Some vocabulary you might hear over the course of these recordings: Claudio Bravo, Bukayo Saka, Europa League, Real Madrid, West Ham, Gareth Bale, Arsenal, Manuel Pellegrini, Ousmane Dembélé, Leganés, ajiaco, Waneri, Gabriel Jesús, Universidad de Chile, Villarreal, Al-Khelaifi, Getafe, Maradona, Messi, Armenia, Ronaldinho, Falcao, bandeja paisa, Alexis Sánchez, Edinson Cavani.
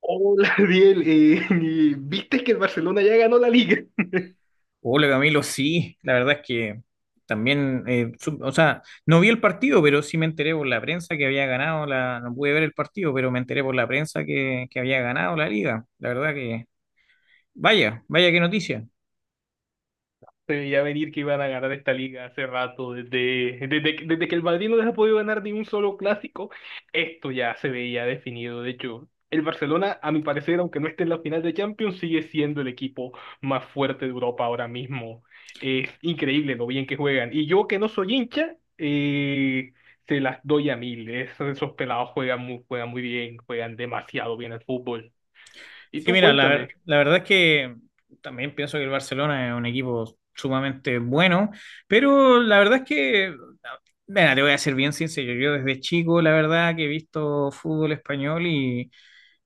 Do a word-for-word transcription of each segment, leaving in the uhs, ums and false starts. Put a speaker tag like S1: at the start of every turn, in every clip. S1: Hola, Biel. Eh, y ¿viste que el Barcelona ya ganó la liga?
S2: Hola Camilo, sí, la verdad es que también, eh, sup- o sea, no vi el partido, pero sí me enteré por la prensa que había ganado la, no pude ver el partido, pero me enteré por la prensa que, que había ganado la liga. La verdad que, vaya, vaya qué noticia.
S1: Se veía venir que iban a ganar esta liga hace rato. Desde, desde, que- desde que el Madrid no les ha podido ganar ni un solo clásico, esto ya se veía definido. De hecho, el Barcelona, a mi parecer, aunque no esté en la final de Champions, sigue siendo el equipo más fuerte de Europa ahora mismo. Es increíble lo bien que juegan. Y yo que no soy hincha, eh, se las doy a mil. Esos, esos pelados juegan muy, juegan muy bien, juegan demasiado bien al fútbol. Y
S2: Sí,
S1: tú
S2: mira, la,
S1: cuéntame.
S2: ver- la verdad es que también pienso que el Barcelona es un equipo sumamente bueno, pero la verdad es que, mira, te voy a ser bien sincero, yo desde chico, la verdad que he visto fútbol español. Y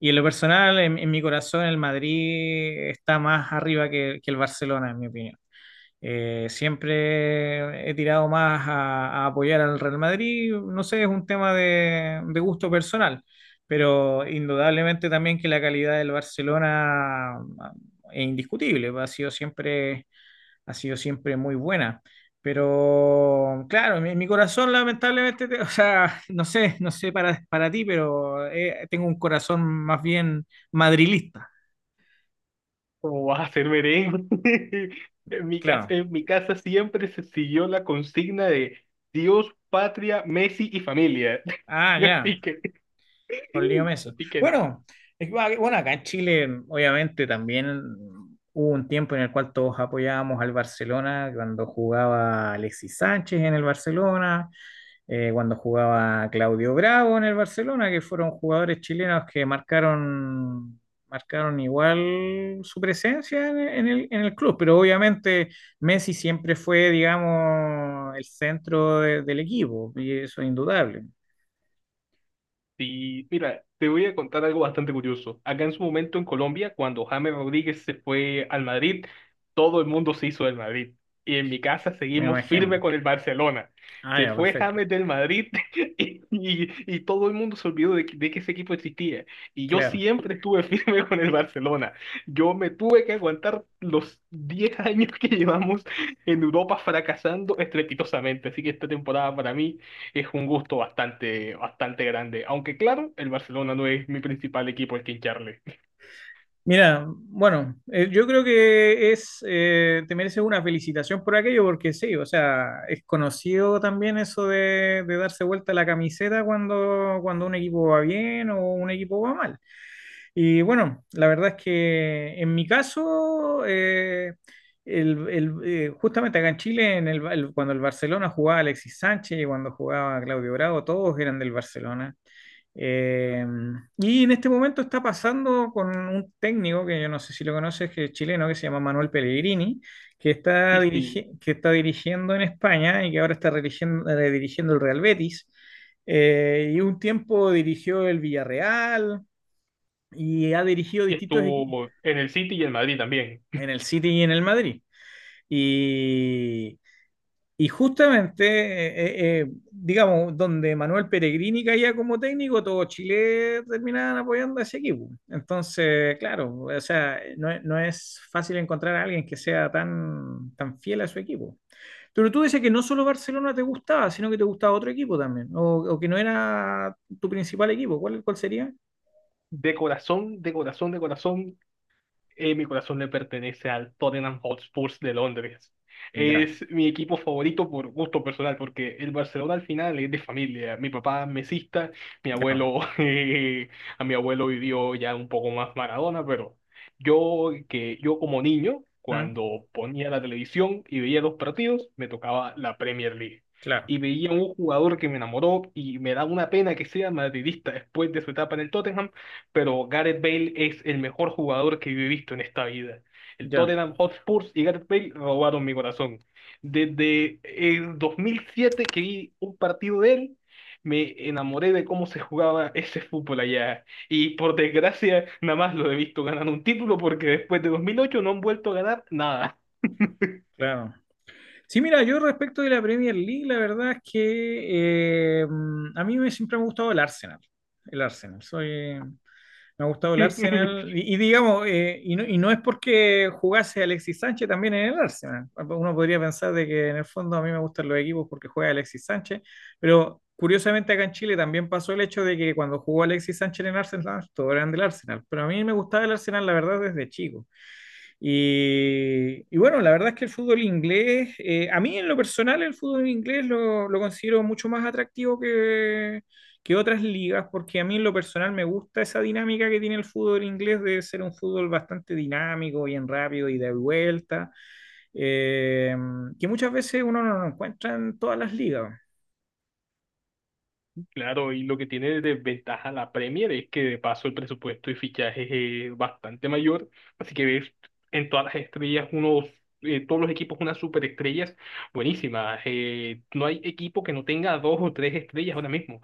S2: en lo personal, en, en mi corazón, el Madrid está más arriba que, que el Barcelona, en mi opinión. Eh, siempre he tirado más a, a apoyar al Real Madrid, no sé, es un tema de, de gusto personal, pero indudablemente también que la calidad del Barcelona ah, es indiscutible, ha sido siempre, ha sido siempre muy buena. Pero claro, mi, mi corazón lamentablemente, te- o sea, no sé, no sé para, para ti, pero eh, tengo un corazón más bien madrilista,
S1: ¿Cómo vas a hacer merengue? En mi casa,
S2: claro.
S1: en mi casa siempre se siguió la consigna de Dios, patria, Messi y familia.
S2: Ah, ya.
S1: Así que,
S2: Con Leo Messi.
S1: así que nada.
S2: Bueno, es que, ah, bueno, acá en Chile, obviamente, también hubo un tiempo en el cual todos apoyábamos al Barcelona, cuando jugaba Alexis Sánchez en el Barcelona, eh, cuando jugaba Claudio Bravo en el Barcelona, que fueron jugadores chilenos que marcaron, marcaron igual su presencia en, en el, en el club, pero obviamente Messi siempre fue, digamos, el centro de- del equipo, y eso es indudable,
S1: Sí, mira, te voy a contar algo bastante curioso. Acá en su momento en Colombia, cuando James Rodríguez se fue al Madrid, todo el mundo se hizo del Madrid. Y en mi casa
S2: me
S1: seguimos firme
S2: imagino.
S1: con el Barcelona.
S2: Ah,
S1: Se
S2: ya,
S1: fue
S2: perfecto,
S1: James del Madrid y, y- y todo el mundo se olvidó de, que- de que ese equipo existía. Y yo
S2: claro.
S1: siempre estuve firme con el Barcelona. Yo me tuve que aguantar los diez años que llevamos en Europa fracasando estrepitosamente. Así que esta temporada para mí es un gusto bastante, bastante grande. Aunque claro, el Barcelona no es mi principal equipo al que hincharle.
S2: Mira, bueno, eh, yo creo que es, eh, te mereces una felicitación por aquello, porque sí, o sea, es conocido también eso de, de darse vuelta la camiseta cuando, cuando un equipo va bien o un equipo va mal. Y bueno, la verdad es que en mi caso, eh, el, el, eh, justamente acá en Chile, en el, el- cuando el Barcelona jugaba Alexis Sánchez y cuando jugaba Claudio Bravo, todos eran del Barcelona. Eh, y en este momento está pasando con un técnico que yo no sé si lo conoces, que es chileno, que se llama Manuel Pellegrini, que
S1: Y
S2: está,
S1: sí,
S2: dirigi- que está dirigiendo en España y que ahora está redirigiendo, eh, dirigiendo el Real Betis. Eh, y un tiempo dirigió el Villarreal y ha dirigido
S1: y
S2: distintos equipos
S1: estuvo en el City y el Madrid también.
S2: en el City y en el Madrid. Y, y justamente, eh, eh, eh, digamos, donde Manuel Peregrini caía como técnico, todo Chile terminaban apoyando a ese equipo. Entonces, claro, o sea, no, es- no es fácil encontrar a alguien que sea tan, tan fiel a su equipo. Pero tú dices que no solo Barcelona te gustaba, sino que te gustaba otro equipo también, o, o que no era tu principal equipo. ¿Cuál, cuál sería?
S1: De corazón, de corazón, de corazón, eh, mi corazón le pertenece al Tottenham Hotspur de Londres.
S2: Ya,
S1: Es mi equipo favorito por gusto personal, porque el Barcelona al final es de familia. Mi papá es mesista, mi
S2: ya.
S1: abuelo, eh, a mi abuelo vivió ya un poco más Maradona, pero yo que yo como niño,
S2: Ah,
S1: cuando ponía la televisión y veía los partidos, me tocaba la Premier League.
S2: claro,
S1: Y veía un jugador que me enamoró y me da una pena que sea madridista después de su etapa en el Tottenham, pero Gareth Bale es el mejor jugador que yo he visto en esta vida. El
S2: ya,
S1: Tottenham Hotspurs y Gareth Bale robaron mi corazón. Desde el dos mil siete que vi un partido de él, me enamoré de cómo se jugaba ese fútbol allá. Y por desgracia, nada más lo he visto ganar un título porque después de dos mil ocho no han vuelto a ganar nada.
S2: claro. Sí, mira, yo respecto de la Premier League, la verdad es que eh, mm, a mí me, siempre me ha gustado el Arsenal. El Arsenal. Soy, me ha gustado el Arsenal. Y, y digamos, eh, y, no, y no es porque jugase Alexis Sánchez también en el Arsenal. Uno podría pensar de que en el fondo a mí me gustan los equipos porque juega Alexis Sánchez. Pero curiosamente acá en Chile también pasó el hecho de que cuando jugó Alexis Sánchez en Arsenal, todos eran del Arsenal. Pero a mí me gustaba el Arsenal, la verdad, desde chico. Y, y bueno, la verdad es que el fútbol inglés, eh, a mí en lo personal el fútbol inglés lo, lo considero mucho más atractivo que, que otras ligas, porque a mí en lo personal me gusta esa dinámica que tiene el fútbol inglés de ser un fútbol bastante dinámico, bien rápido y de vuelta, eh, que muchas veces uno no lo encuentra en todas las ligas.
S1: Claro, y lo que tiene de ventaja la Premier es que de paso el presupuesto y fichajes es bastante mayor, así que ves en todas las estrellas unos, eh, todos los equipos unas superestrellas buenísimas. Eh, no hay equipo que no tenga dos o tres estrellas ahora mismo.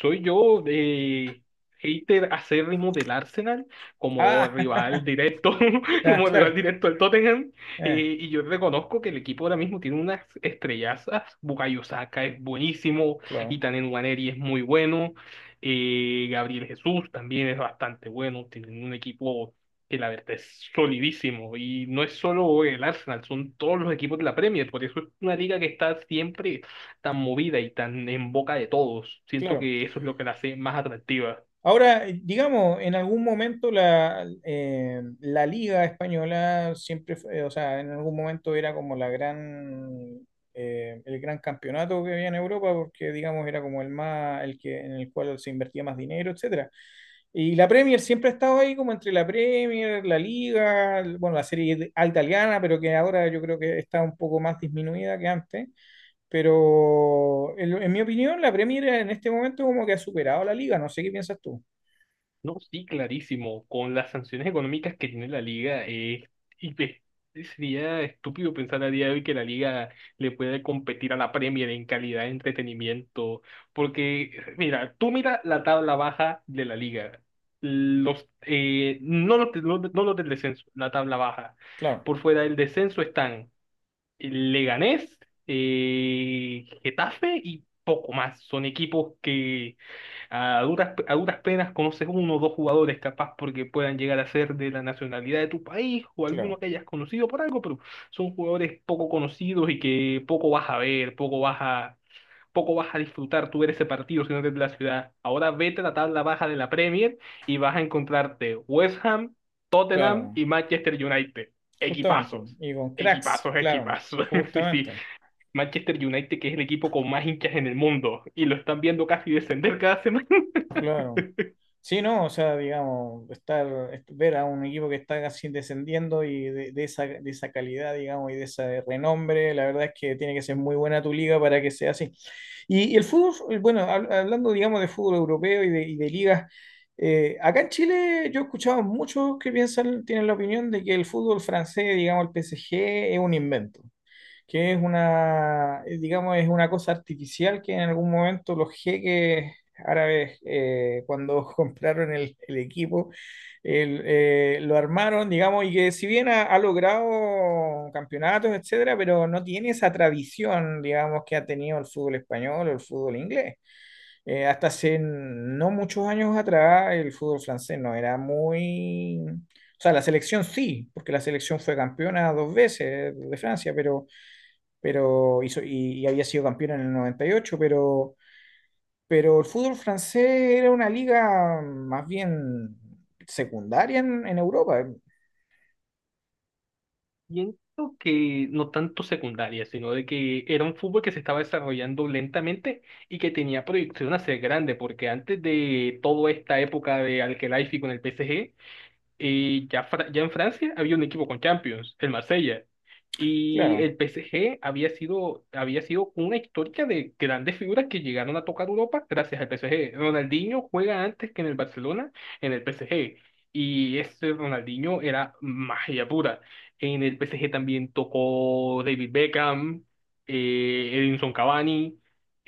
S1: Soy yo eh, hater acérrimo del Arsenal como
S2: Ah,
S1: rival directo,
S2: ah,
S1: como rival
S2: claro,
S1: directo del Tottenham.
S2: eh,
S1: Eh, y yo reconozco que el equipo ahora mismo tiene unas estrellazas. Bukayo Saka es buenísimo y
S2: claro,
S1: también Waneri es muy bueno. eh, Gabriel Jesús también es bastante bueno. Tienen un equipo que la verdad es solidísimo. Y no es solo el Arsenal, son todos los equipos de la Premier. Por eso es una liga que está siempre tan movida y tan en boca de todos. Siento
S2: claro.
S1: que eso es lo que la hace más atractiva.
S2: Ahora, digamos, en algún momento la, eh, la Liga Española siempre fue, eh, o sea, en algún momento era como la gran, eh, el gran campeonato que había en Europa, porque digamos era como el más, el que, en el cual se invertía más dinero, etcétera. Y la Premier siempre ha estado ahí como entre la Premier, la Liga, el- bueno, la Serie it- A italiana, pero que ahora yo creo que está un poco más disminuida que antes. Pero en, en mi opinión, la Premier en este momento como que ha superado a la Liga. No sé qué piensas tú.
S1: No, sí, clarísimo. Con las sanciones económicas que tiene la liga, eh, y ve, sería estúpido pensar a día de hoy que la liga le puede competir a la Premier en calidad de entretenimiento. Porque, mira, tú mira la tabla baja de la liga. Los, eh, no los, de- no no los del descenso, la tabla baja.
S2: Claro,
S1: Por fuera del descenso están Leganés, eh, Getafe y poco más. Son equipos que a duras, a duras penas conoces uno o dos jugadores capaz porque puedan llegar a ser de la nacionalidad de tu país o alguno
S2: claro,
S1: que hayas conocido por algo, pero son jugadores poco conocidos y que poco vas a ver, poco vas a, poco vas a disfrutar tú ver ese partido si no eres de la ciudad. Ahora vete a la tabla baja de la Premier y vas a encontrarte West Ham, Tottenham
S2: claro,
S1: y Manchester United.
S2: justamente.
S1: Equipazos.
S2: Y con cracks,
S1: Equipazos,
S2: claro,
S1: equipazos. Sí, sí.
S2: justamente,
S1: Manchester United, que es el equipo con más hinchas en el mundo, y lo están viendo casi descender cada semana.
S2: claro. Sí, no, o sea, digamos, estar, est- ver a un equipo que está casi descendiendo y de, de esa, de esa calidad, digamos, y de ese renombre, la verdad es que tiene que ser muy buena tu liga para que sea así. Y, y el fútbol, eh, bueno, hab- hablando, digamos, de fútbol europeo y de, y de ligas, eh, acá en Chile yo he escuchado muchos que piensan, tienen la opinión de que el fútbol francés, digamos, el P S G, es un invento, que es una, eh, digamos, es una cosa artificial que en algún momento los jeques árabes, eh, cuando compraron el, el equipo, el, eh, lo armaron, digamos, y que si bien ha, ha logrado campeonatos, etcétera, pero no tiene esa tradición, digamos, que ha tenido el fútbol español o el fútbol inglés. Eh, hasta hace no muchos años atrás, el fútbol francés no era muy... O sea, la selección sí, porque la selección fue campeona dos veces de Francia, pero pero hizo, y, y había sido campeón en el noventa y ocho, pero, pero el fútbol francés era una liga más bien secundaria en, en Europa,
S1: Siento que no tanto secundaria, sino de que era un fútbol que se estaba desarrollando lentamente y que tenía proyección a ser grande, porque antes de toda esta época de Al-Khelaifi con el P S G, y ya, Fra- ya en Francia había un equipo con Champions, el Marsella. Y
S2: claro,
S1: el P S G había sido, había sido una historia de grandes figuras que llegaron a tocar Europa gracias al P S G. Ronaldinho juega antes que en el Barcelona, en el P S G. Y ese Ronaldinho era magia pura. En el P S G también tocó David Beckham, eh, Edinson Cavani,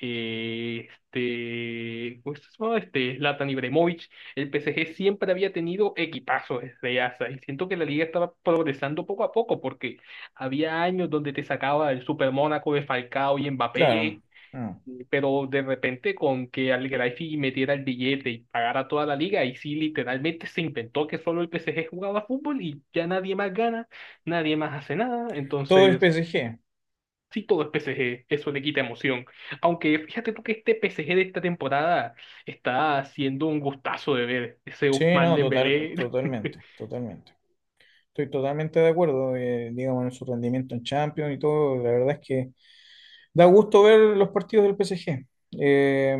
S1: eh, este, ¿cómo se llama? Este, Zlatan Ibrahimovic. El P S G siempre había tenido equipazos desde A S A y siento que la liga estaba progresando poco a poco porque había años donde te sacaba el Super Mónaco de Falcao y
S2: claro.
S1: Mbappé,
S2: Mm.
S1: pero de repente con que al Greifi metiera el billete y pagara toda la liga y sí literalmente se inventó que solo el P S G jugaba fútbol y ya nadie más gana, nadie más hace nada,
S2: Todo es
S1: entonces
S2: P S G.
S1: sí, todo es P S G, eso le quita emoción. Aunque fíjate tú que este P S G de esta temporada está siendo un gustazo de ver. Ese
S2: Sí,
S1: Ousmane
S2: no, total,
S1: Dembélé.
S2: totalmente, totalmente. Estoy totalmente de acuerdo, eh, digamos, en su rendimiento en Champions y todo. La verdad es que da gusto ver los partidos del P S G. Eh,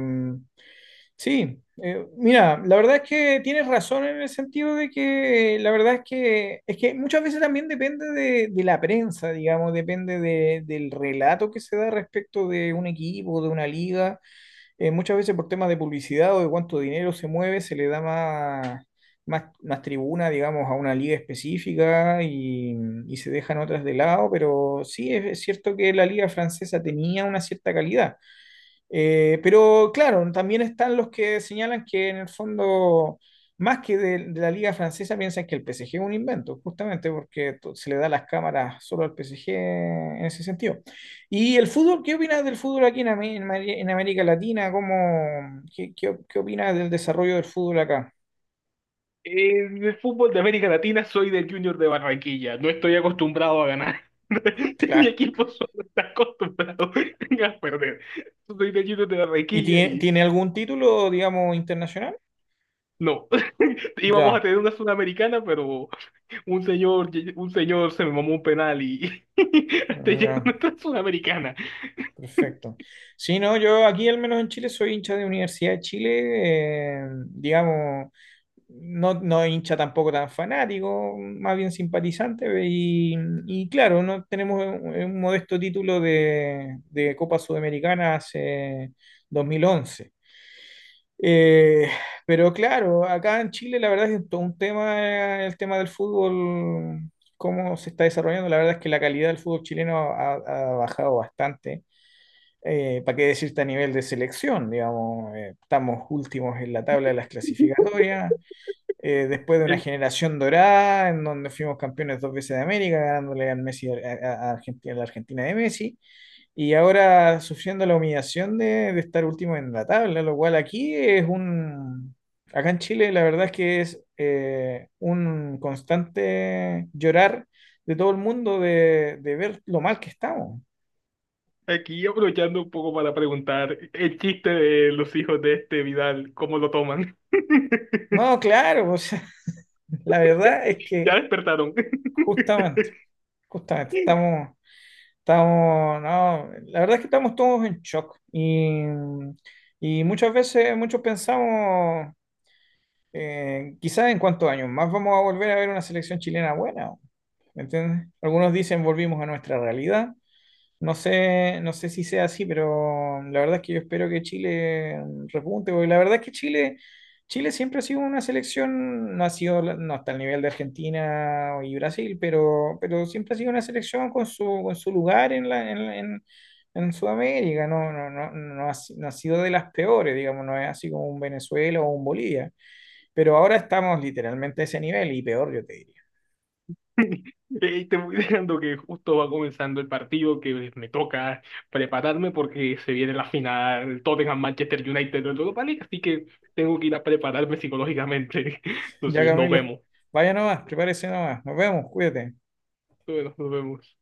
S2: Sí, eh, mira, la verdad es que tienes razón en el sentido de que la verdad es que es que muchas veces también depende de, de la prensa, digamos, depende de- del relato que se da respecto de un equipo, de una liga. Eh, muchas veces por temas de publicidad o de cuánto dinero se mueve, se le da más, más, más tribuna, digamos, a una liga específica y, y se dejan otras de lado, pero sí es es cierto que la liga francesa tenía una cierta calidad. Eh, pero claro, también están los que señalan que en el fondo, más que de, de la liga francesa, piensan que el P S G es un invento, justamente porque to- se le da las cámaras solo al P S G en ese sentido. ¿Y el fútbol? ¿Qué opinas del fútbol aquí en, Amé- en Mari- en América Latina? ¿Cómo, qué, qué, qué opinas del desarrollo del fútbol acá?
S1: En el fútbol de América Latina soy del Junior de Barranquilla. No estoy acostumbrado a ganar. Mi
S2: Claro.
S1: equipo solo está acostumbrado a perder. Soy del Junior de
S2: ¿Y
S1: Barranquilla
S2: tiene,
S1: y
S2: tiene algún título, digamos, internacional?
S1: no. Íbamos a
S2: Ya,
S1: tener una sudamericana, pero un señor, un señor se me mamó un penal y hasta llegó
S2: ya.
S1: nuestra sudamericana.
S2: Perfecto. Sí, no, yo aquí al menos en Chile soy hincha de Universidad de Chile, eh, digamos, no, no hincha tampoco tan fanático, más bien simpatizante, y, y claro, no tenemos un, un modesto título de, de Copa Sudamericana hace dos mil once. Eh, pero claro, acá en Chile la verdad es que todo un tema, eh, el tema del fútbol, cómo se está desarrollando, la verdad es que la calidad del fútbol chileno ha ha bajado bastante. Eh, ¿para qué decirte a nivel de selección? Digamos, eh, estamos últimos en la tabla de las clasificatorias, eh, después de una generación dorada en donde fuimos campeones dos veces de América, ganándole al Messi, a, a Argentina, a la Argentina de Messi, y ahora sufriendo la humillación de, de estar último en la tabla, lo cual aquí es un... Acá en Chile la verdad es que es eh, un constante llorar de todo el mundo de, de ver lo mal que estamos.
S1: Aquí aprovechando un poco para preguntar el chiste de los hijos de este Vidal, ¿cómo lo toman?
S2: No, claro, o sea, la verdad es
S1: Ya
S2: que
S1: despertaron.
S2: justamente, justamente, estamos, estamos, no, la verdad es que estamos todos en shock y, y muchas veces, muchos pensamos, eh, quizás en cuántos años más vamos a volver a ver una selección chilena buena, ¿me entiendes? Algunos dicen volvimos a nuestra realidad, no sé, no sé si sea así, pero la verdad es que yo espero que Chile repunte, porque la verdad es que Chile, Chile siempre ha sido una selección, no ha sido, la- no hasta el nivel de Argentina y Brasil, pero, pero siempre ha sido una selección con su, con su lugar en la, en, la- en- en Sudamérica, no, no, no, no ha, si- no ha sido de las peores, digamos, no es así como un Venezuela o un Bolivia, pero ahora estamos literalmente a ese nivel y peor, yo te diría.
S1: Eh, te voy dejando que justo va comenzando el partido que me toca prepararme porque se viene la final Tottenham-Manchester United en Europa League, así que tengo que ir a prepararme psicológicamente.
S2: Ya,
S1: Entonces, nos
S2: Camilo,
S1: vemos.
S2: vaya nomás, prepárese nomás, nos vemos, cuídate.
S1: Bueno, nos vemos.